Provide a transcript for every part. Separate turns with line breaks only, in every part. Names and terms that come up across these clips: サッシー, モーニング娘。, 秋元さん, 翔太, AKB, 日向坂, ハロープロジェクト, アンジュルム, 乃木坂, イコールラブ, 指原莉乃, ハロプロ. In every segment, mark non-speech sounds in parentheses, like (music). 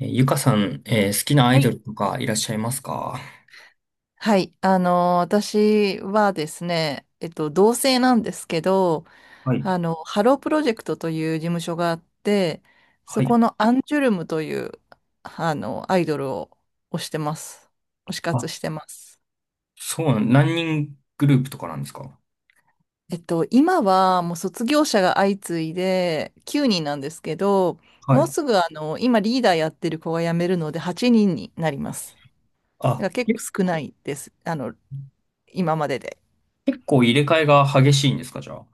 ゆかさん、好きなア
は
イド
い。
ルとかいらっしゃいますか？
はい。私はですね、同性なんですけど、
はい、
ハロープロジェクトという事務所があって、
は
そ
い。
このアンジュルムという、アイドルを推してます。推し
あ、
活してます。
そうなん、何人グループとかなんですか？
今はもう卒業者が相次いで9人なんですけど、
は
もう
い。
すぐ今リーダーやってる子が辞めるので8人になります。だ
あ、
から結構少ないです。今までで。
結構入れ替えが激しいんですか、じゃあ。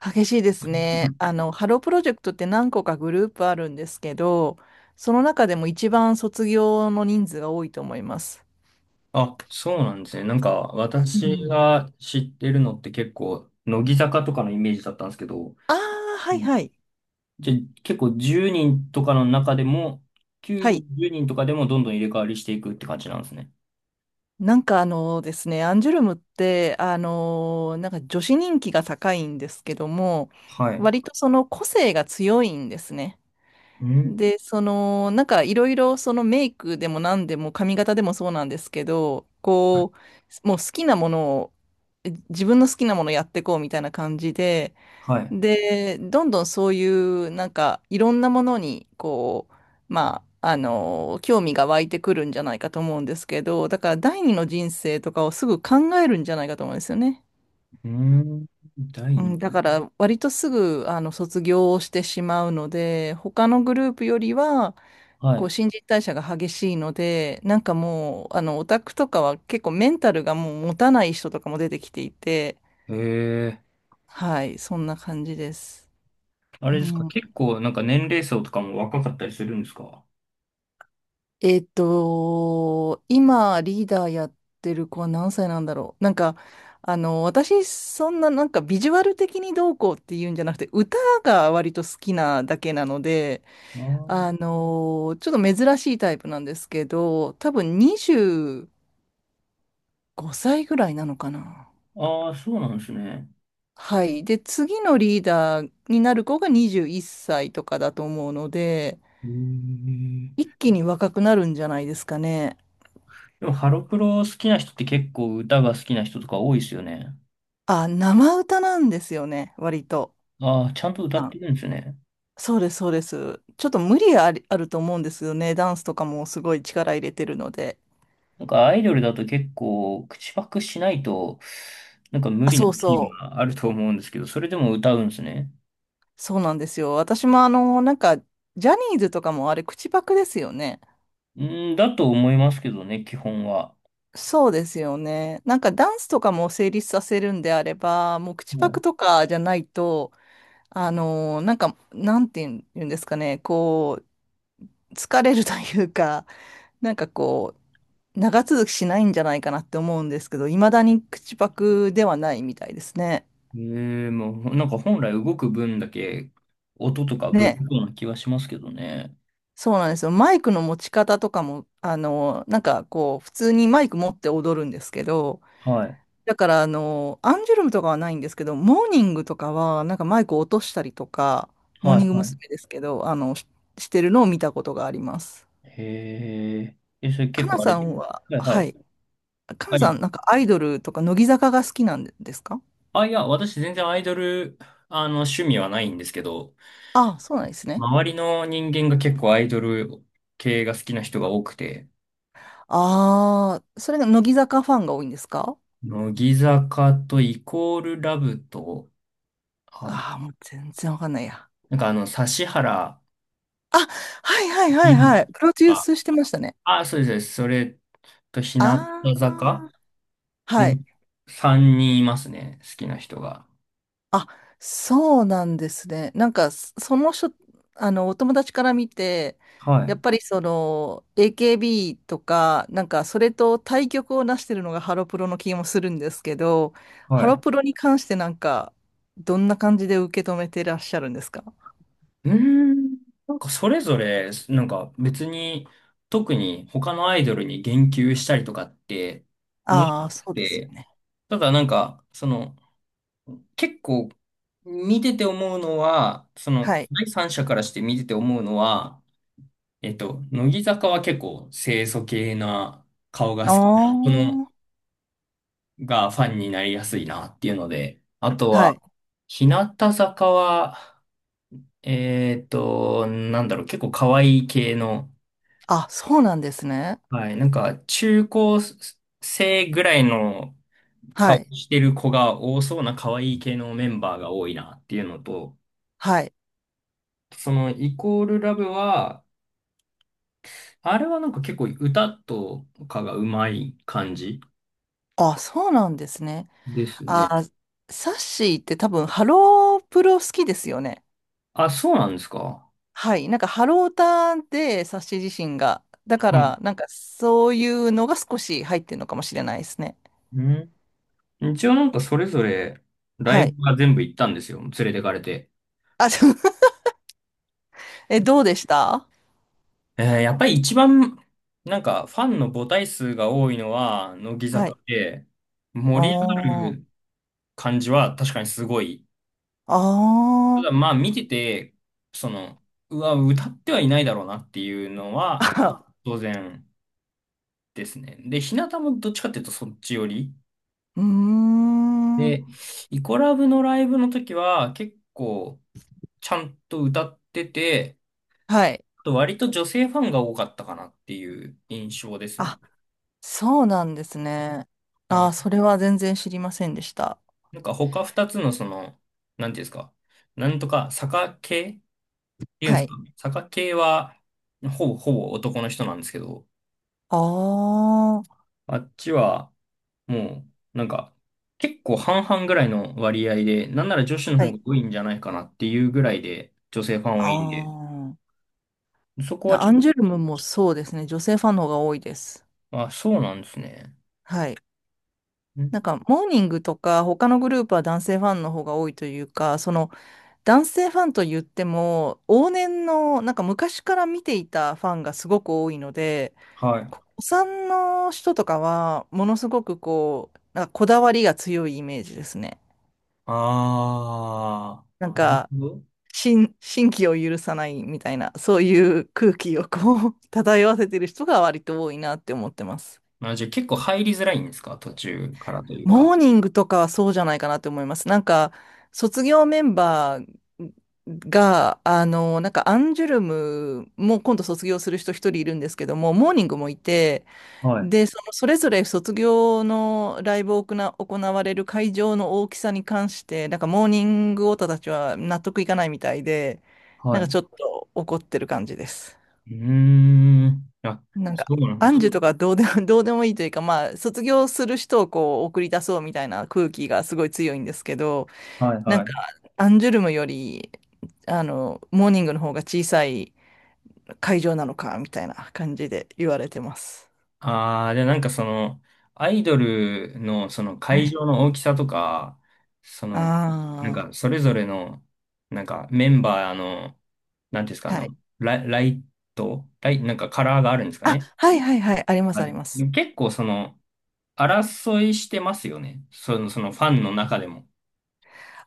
激しいですね。ハロープロジェクトって何個かグループあるんですけど、その中でも一番卒業の人数が多いと思います。
あ、そうなんですね。なんか、
う
私
ん。
が知ってるのって結構、乃木坂とかのイメージだったんですけど、
ああ、は
う
い
ん。
はい。
じゃ、結構10人とかの中でも、
は
9
い。
人、10人とかでもどんどん入れ替わりしていくって感じなんですね。
なんかですね、アンジュルムって、なんか女子人気が高いんですけども、
はい。
割とその個性が強いんですね。
うん。
で、その、なんかいろいろそのメイクでも何でも髪型でもそうなんですけど、こう、もう好きなものを、自分の好きなものやってこうみたいな感じで、
はい。
で、どんどんそういうなんかいろんなものに、こう、まあ、興味が湧いてくるんじゃないかと思うんですけど、だから第二の人生とかをすぐ考えるんじゃないかと思うんですよね。
うん。第
う
二。
ん、だから割とすぐ卒業をしてしまうので、他のグループよりは
は
こう
い。
新陳代謝が激しいので、なんかもうオタクとかは結構メンタルがもう持たない人とかも出てきていて、
へえ。
はい、そんな感じです。
あ
う
れですか？
ん、
結構なんか年齢層とかも若かったりするんですか？
今リーダーやってる子は何歳なんだろう。なんか私そんななんかビジュアル的にどうこうっていうんじゃなくて、歌が割と好きなだけなので。
ああ、
ちょっと珍しいタイプなんですけど、多分25歳ぐらいなのかな。
あーあーそうなんですね。
はい。で、次のリーダーになる子が21歳とかだと思うので、
へえ。
一気に若くなるんじゃないですかね。
でもハロプロ好きな人って結構歌が好きな人とか多いですよね。
あ、生歌なんですよね、割と。
ああ、ちゃんと歌ってる
あ
んですね。
そうです、そうです。ちょっと無理あり、あると思うんですよね。ダンスとかもすごい力入れてるので。
なんかアイドルだと結構口パクしないとなんか無
あ、
理な
そ
シ
う
ーン
そう。
があると思うんですけど、それでも歌うんですね。
そうなんですよ。私もなんか、ジャニーズとかもあれ、口パクですよね。
うーん、だと思いますけどね、基本は。
そうですよね。なんかダンスとかも成立させるんであれば、もう口
は
パク
い。
とかじゃないと、なんか、なんていうん言うんですかね、こう、疲れるというか、なんかこう、長続きしないんじゃないかなって思うんですけど、いまだに口パクではないみたいですね。
ええもうなんか本来動く分だけ音とかぶれ
ね。
そうな気はしますけどね。
そうなんですよ。マイクの持ち方とかも、なんかこう、普通にマイク持って踊るんですけど、
はい。
だから、アンジュルムとかはないんですけど、モーニングとかは、なんかマイクを落としたりとか、モー
は
ニン
い、
グ
は
娘。ですけど、してるのを見たことがあります。
い。へえ。え、それ
か
結
な
構あれ。
さんは、
はい、は
は
い。
い。かな
は
さ
い。
ん、なんかアイドルとか、乃木坂が好きなんですか？
あ、いや、私全然アイドル、趣味はないんですけど、
ああ、そうなんですね。
周りの人間が結構アイドル系が好きな人が多くて、
ああ、それが乃木坂ファンが多いんですか？
乃木坂とイコールラブと、あ、
ああ、もう全然わかんないや。
なんか指原
あ、はいはいはい
莉乃
はい。プロデュー
が、
スしてましたね。
あ、そうです、そうですそれと日向坂
ああ、は
の
い。
3人いますね、好きな人が。
あ、そうなんですね。なんか、その人、お友達から見て、
は
や
い、
っぱりその、AKB とか、なんか、それと対極をなしてるのがハロプロの気もするんですけど、
は
ハロ
い。
プロに関してなんか、どんな感じで受け止めてらっしゃるんですか？
うーん。なんかそれぞれ、なんか別に特に他のアイドルに言及したりとかって思わ
ああ
な
ー、
く
そうですよ
て、
ね。
ただなんか、結構見てて思うのは、その
はい。
第三者からして見てて思うのは、乃木坂は結構清楚系な顔が
あ
好きな人の
あ、
がファンになりやすいなっていうので、あと
は
は
い。
日向坂は、なんだろう、結構可愛い系の
あ、そうなんですね。
はい。なんか、中高生ぐらいの
は
顔
い。
してる子が多そうな可愛い系のメンバーが多いなっていうのと、
はい。
そのイコールラブは、あれはなんか結構歌とかがうまい感じ
あ、そうなんですね。
ですね。
あー、サッシーって多分、ハロープロ好きですよね。
あ、そうなんですか。
はい、なんかハローターで冊子自身が。だか
はい。
ら、なんかそういうのが少し入ってるのかもしれないですね。
うん。一応なんかそれぞれラ
は
イ
い。
ブは全部行ったんですよ。連れてかれて。
あ、そう (laughs) え、どうでした？
やっぱり一番なんかファンの母体数が多いのは乃木
はい。
坂で、盛り上が
お
る
ー、
感じは確かにすごい。た
あー、
だまあ見てて、その、うわ、歌ってはいないだろうなっていうのは
あ、
当然ですね。で、日向もどっちかっていうとそっち寄り。
うーん。
で、イコラブのライブの時は結構ちゃんと歌ってて、
はい。
あと割と女性ファンが多かったかなっていう印象ですね。
あ、そうなんですね。
は
あー、
い。
それは全然知りませんでした。
なんか他二つのなんていうんですか、なんとか坂系っていうんで
は
すか、
い。
坂系はほぼほぼ男の人なんですけど、
あー、
あっちは、もう、なんか、結構半々ぐらいの割合で、なんなら女子の
は
方
い。
が多いんじゃないかなっていうぐらいで、女性ファン多いんで、
あ
そこは
あ
ち
ア
ょっ
ンジュルムもそうですね。女性ファンの方が多いです。
と、あ、そうなんですね。
はい。なん
ん
か、モーニングとか、他のグループは男性ファンの方が多いというか、その、男性ファンと言っても、往年の、なんか昔から見ていたファンがすごく多いので、
はい。
お産の人とかは、ものすごくこう、なんかこだわりが強いイメージですね。
あ
なんか、
ー。
新規を許さないみたいな、そういう空気をこう、漂わせてる人が割と多いなって思ってます。
あ、じゃあ結構入りづらいんですか？途中からというか。
モーニングとかはそうじゃないかなと思います。なんか、卒業メンバーが、なんかアンジュルムも今度卒業する人一人いるんですけども、モーニングもいて、
はい。
で、そのそれぞれ卒業のライブを行われる会場の大きさに関して、なんかモーニングオタたちは納得いかないみたいで、な
は
ん
い。
か
う
ちょっと怒ってる感じです。
ーん。あ、
なんか、
そうなん
ア
だ。
ンジュとかどうでも、(laughs) どうでもいいというか、まあ、卒業する人をこう、送り出そうみたいな空気がすごい強いんですけど、
はい
なん
は
か、
い。
アンジュルムより、モーニングの方が小さい会場なのか、みたいな感じで言われてます。
ああ、で、なんかアイドルのその
は
会
い。
場の大きさとか、その、なん
あ
かそれぞれの、なんかメンバーの、なんていうんですか、あ
あ、はい。
の、ライ、ライト、ライ、なんかカラーがあるんですか
あ、
ね。
はいはいはい、あります
あ、
あります。
結構争いしてますよね。そのファンの中でも。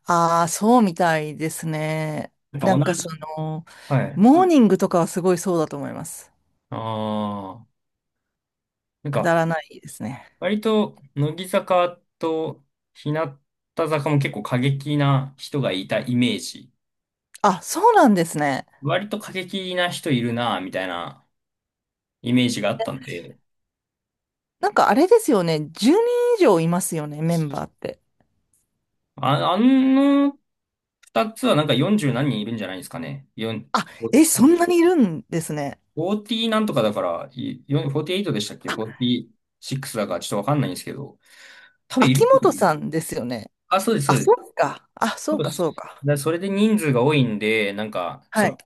ああ、そうみたいですね。
なん
なん
か
か
同じ。
その、
はい。
モーニングとかはすごいそうだと思います。
ああ、なん
くだ
か、
らないですね。
割と、乃木坂と日向坂も結構過激な人がいたイメージ。
あ、そうなんですね。
割と過激な人いるな、みたいなイメージがあったんで、
なんかあれですよね。10人以上いますよね、メンバーって。
あ、あの二つはなんか40何人いるんじゃないですかね。4、
あ、
ごフ
え、そんなにいるんですね。
ォーティ0なんとかだから、いよん48でしたっけ
あ、
?46 だからちょっとわかんないんですけど、多分い
秋
る。
元さんですよね。
あ、そうです、そ
あ、
うです。
そうか。あ、そ
多
う
分
か、そうか。
だそれで人数が多いんで、なんか、
はい。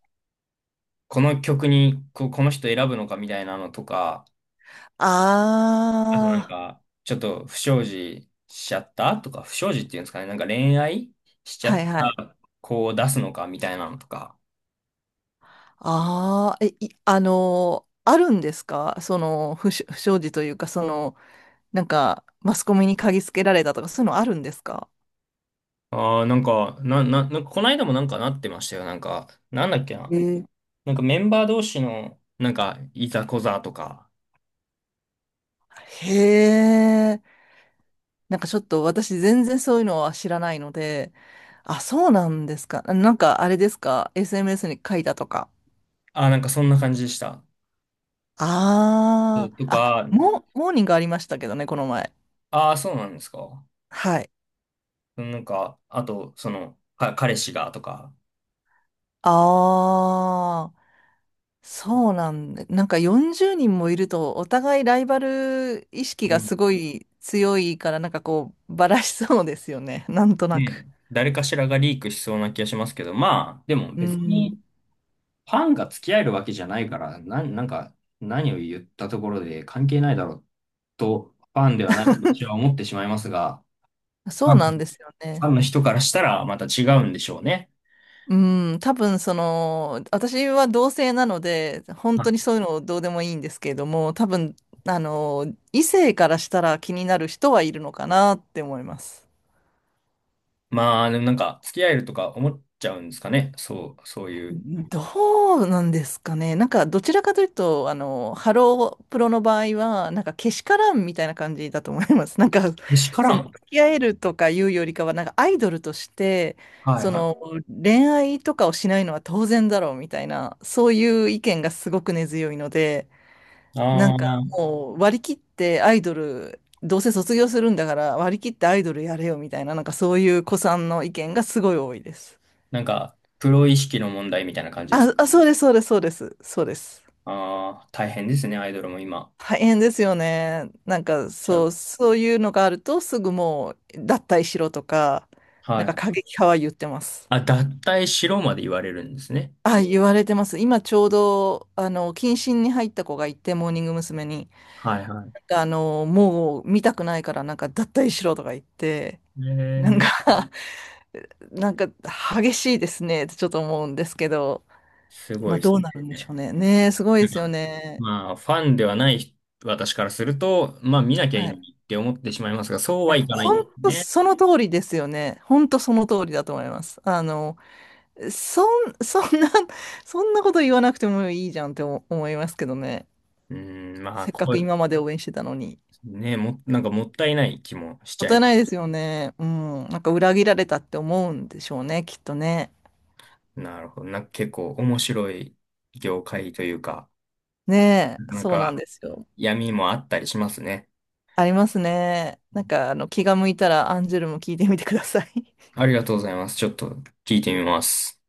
この曲にこの人選ぶのかみたいなのとか、あとなん
ああ、
か、ちょっと不祥事しちゃったとか、不祥事っていうんですかね、なんか恋愛しちゃっ
はいはい。
た子を出すのかみたいなのとか。
ああ、え、い、あのーあるんですかその、不祥事というか、その、なんか、マスコミに嗅ぎつけられたとか、そういうのあるんですか？
ああ、なんか、なんかこの間もなんかなってましたよ。なんか、なんだっけ
え
な。
ー
なんかメンバー同士の、なんか、いざこざとか。
へえ。なんかちょっと私全然そういうのは知らないので、あ、そうなんですか。なんかあれですか？ SMS に書いたとか。
ああ、なんかそんな感じでした。う
あ
んと
あ、あ、
か、
モーニングありましたけどね、この前。
ああ、そうなんですか。
はい。
なんか、あと、彼氏がとか。
ああ、そうなんで、なんか40人もいると、お互いライバル意識
う
が
ん。
すごい強いから、なんかこう、ばらしそうですよね、なんとな
ね、
く。
誰かしらがリークしそうな気がしますけど、まあ、でも
う
別
ん、
に、ファンが付き合えるわけじゃないから、なんか、何を言ったところで関係ないだろうと、ファンではないと私は思ってしまいますが、フ
そ
ァ
う
ン
なんで
フ
すよ
ァ
ね。
ンの人からしたらまた違うんでしょうね。
うん、多分その、私は同性なので、本
は
当に
い。
そういうのどうでもいいんですけれども、多分、異性からしたら気になる人はいるのかなって思います。
まあ、でもなんか、付き合えるとか思っちゃうんですかね。そういう。
どうなんですかね。なんか、どちらかというと、ハロープロの場合は、なんか、けしからんみたいな感じだと思います。なんか、
けしか
そ
ら
の、
ん。
付き合えるとかいうよりかは、なんか、アイドルとして、
はい
そ
は
の、恋愛とかをしないのは当然だろうみたいな、そういう意見がすごく根強いので、
い。
なん
あ
か
あ、
もう割り切ってアイドル、どうせ卒業するんだから割り切ってアイドルやれよみたいな、なんかそういう子さんの意見がすごい多いです。
なんか、プロ意識の問題みたいな感じです。
あ、そうです、そうです、そうです、そうです。
ああ、大変ですね、アイドルも今。
大変ですよね。なんか
ちゃう
そういうのがあるとすぐもう脱退しろとか、な
は
んか
い。
過激派は言ってます。
あ、脱退しろまで言われるんですね。
あ、言われてます。今ちょうど、謹慎に入った子がいて、モーニング娘。に、
はいはい。
なんかもう見たくないからなんか脱退しろとか言って、
へ
なんか、
え。
なんか激しいですねってちょっと思うんですけど、
すご
まあ
いで
ど
す
う
ね。
なるんでしょうね。ねえ、すごい
な
で
ん
すよ
か
ね。
まあ、ファンではない人私からすると、まあ、見なきゃいい
は
の
い。
に
い
って思ってしまいますが、そうは
や、
いかない
本
んです
当
ね。
その通りですよね。本当その通りだと思います。そん、(laughs) そんな、そんなこと言わなくてもいいじゃんって思思いますけどね。
うん、まあ、
せっかく今まで応援してたのに。
ね、なんかもったいない気もし
も
ち
っ
ゃい
たい
ま
な
す。
いですよね。うん。なんか裏切られたって思うんでしょうね、きっとね。
なるほど。なんか結構面白い業界というか、
ね
な
え、
かな
そうなん
か
ですよ。
闇もあったりしますね。
ありますね。なんか、気が向いたらアンジュルム聞いてみてください。
ありがとうございます。ちょっと聞いてみます。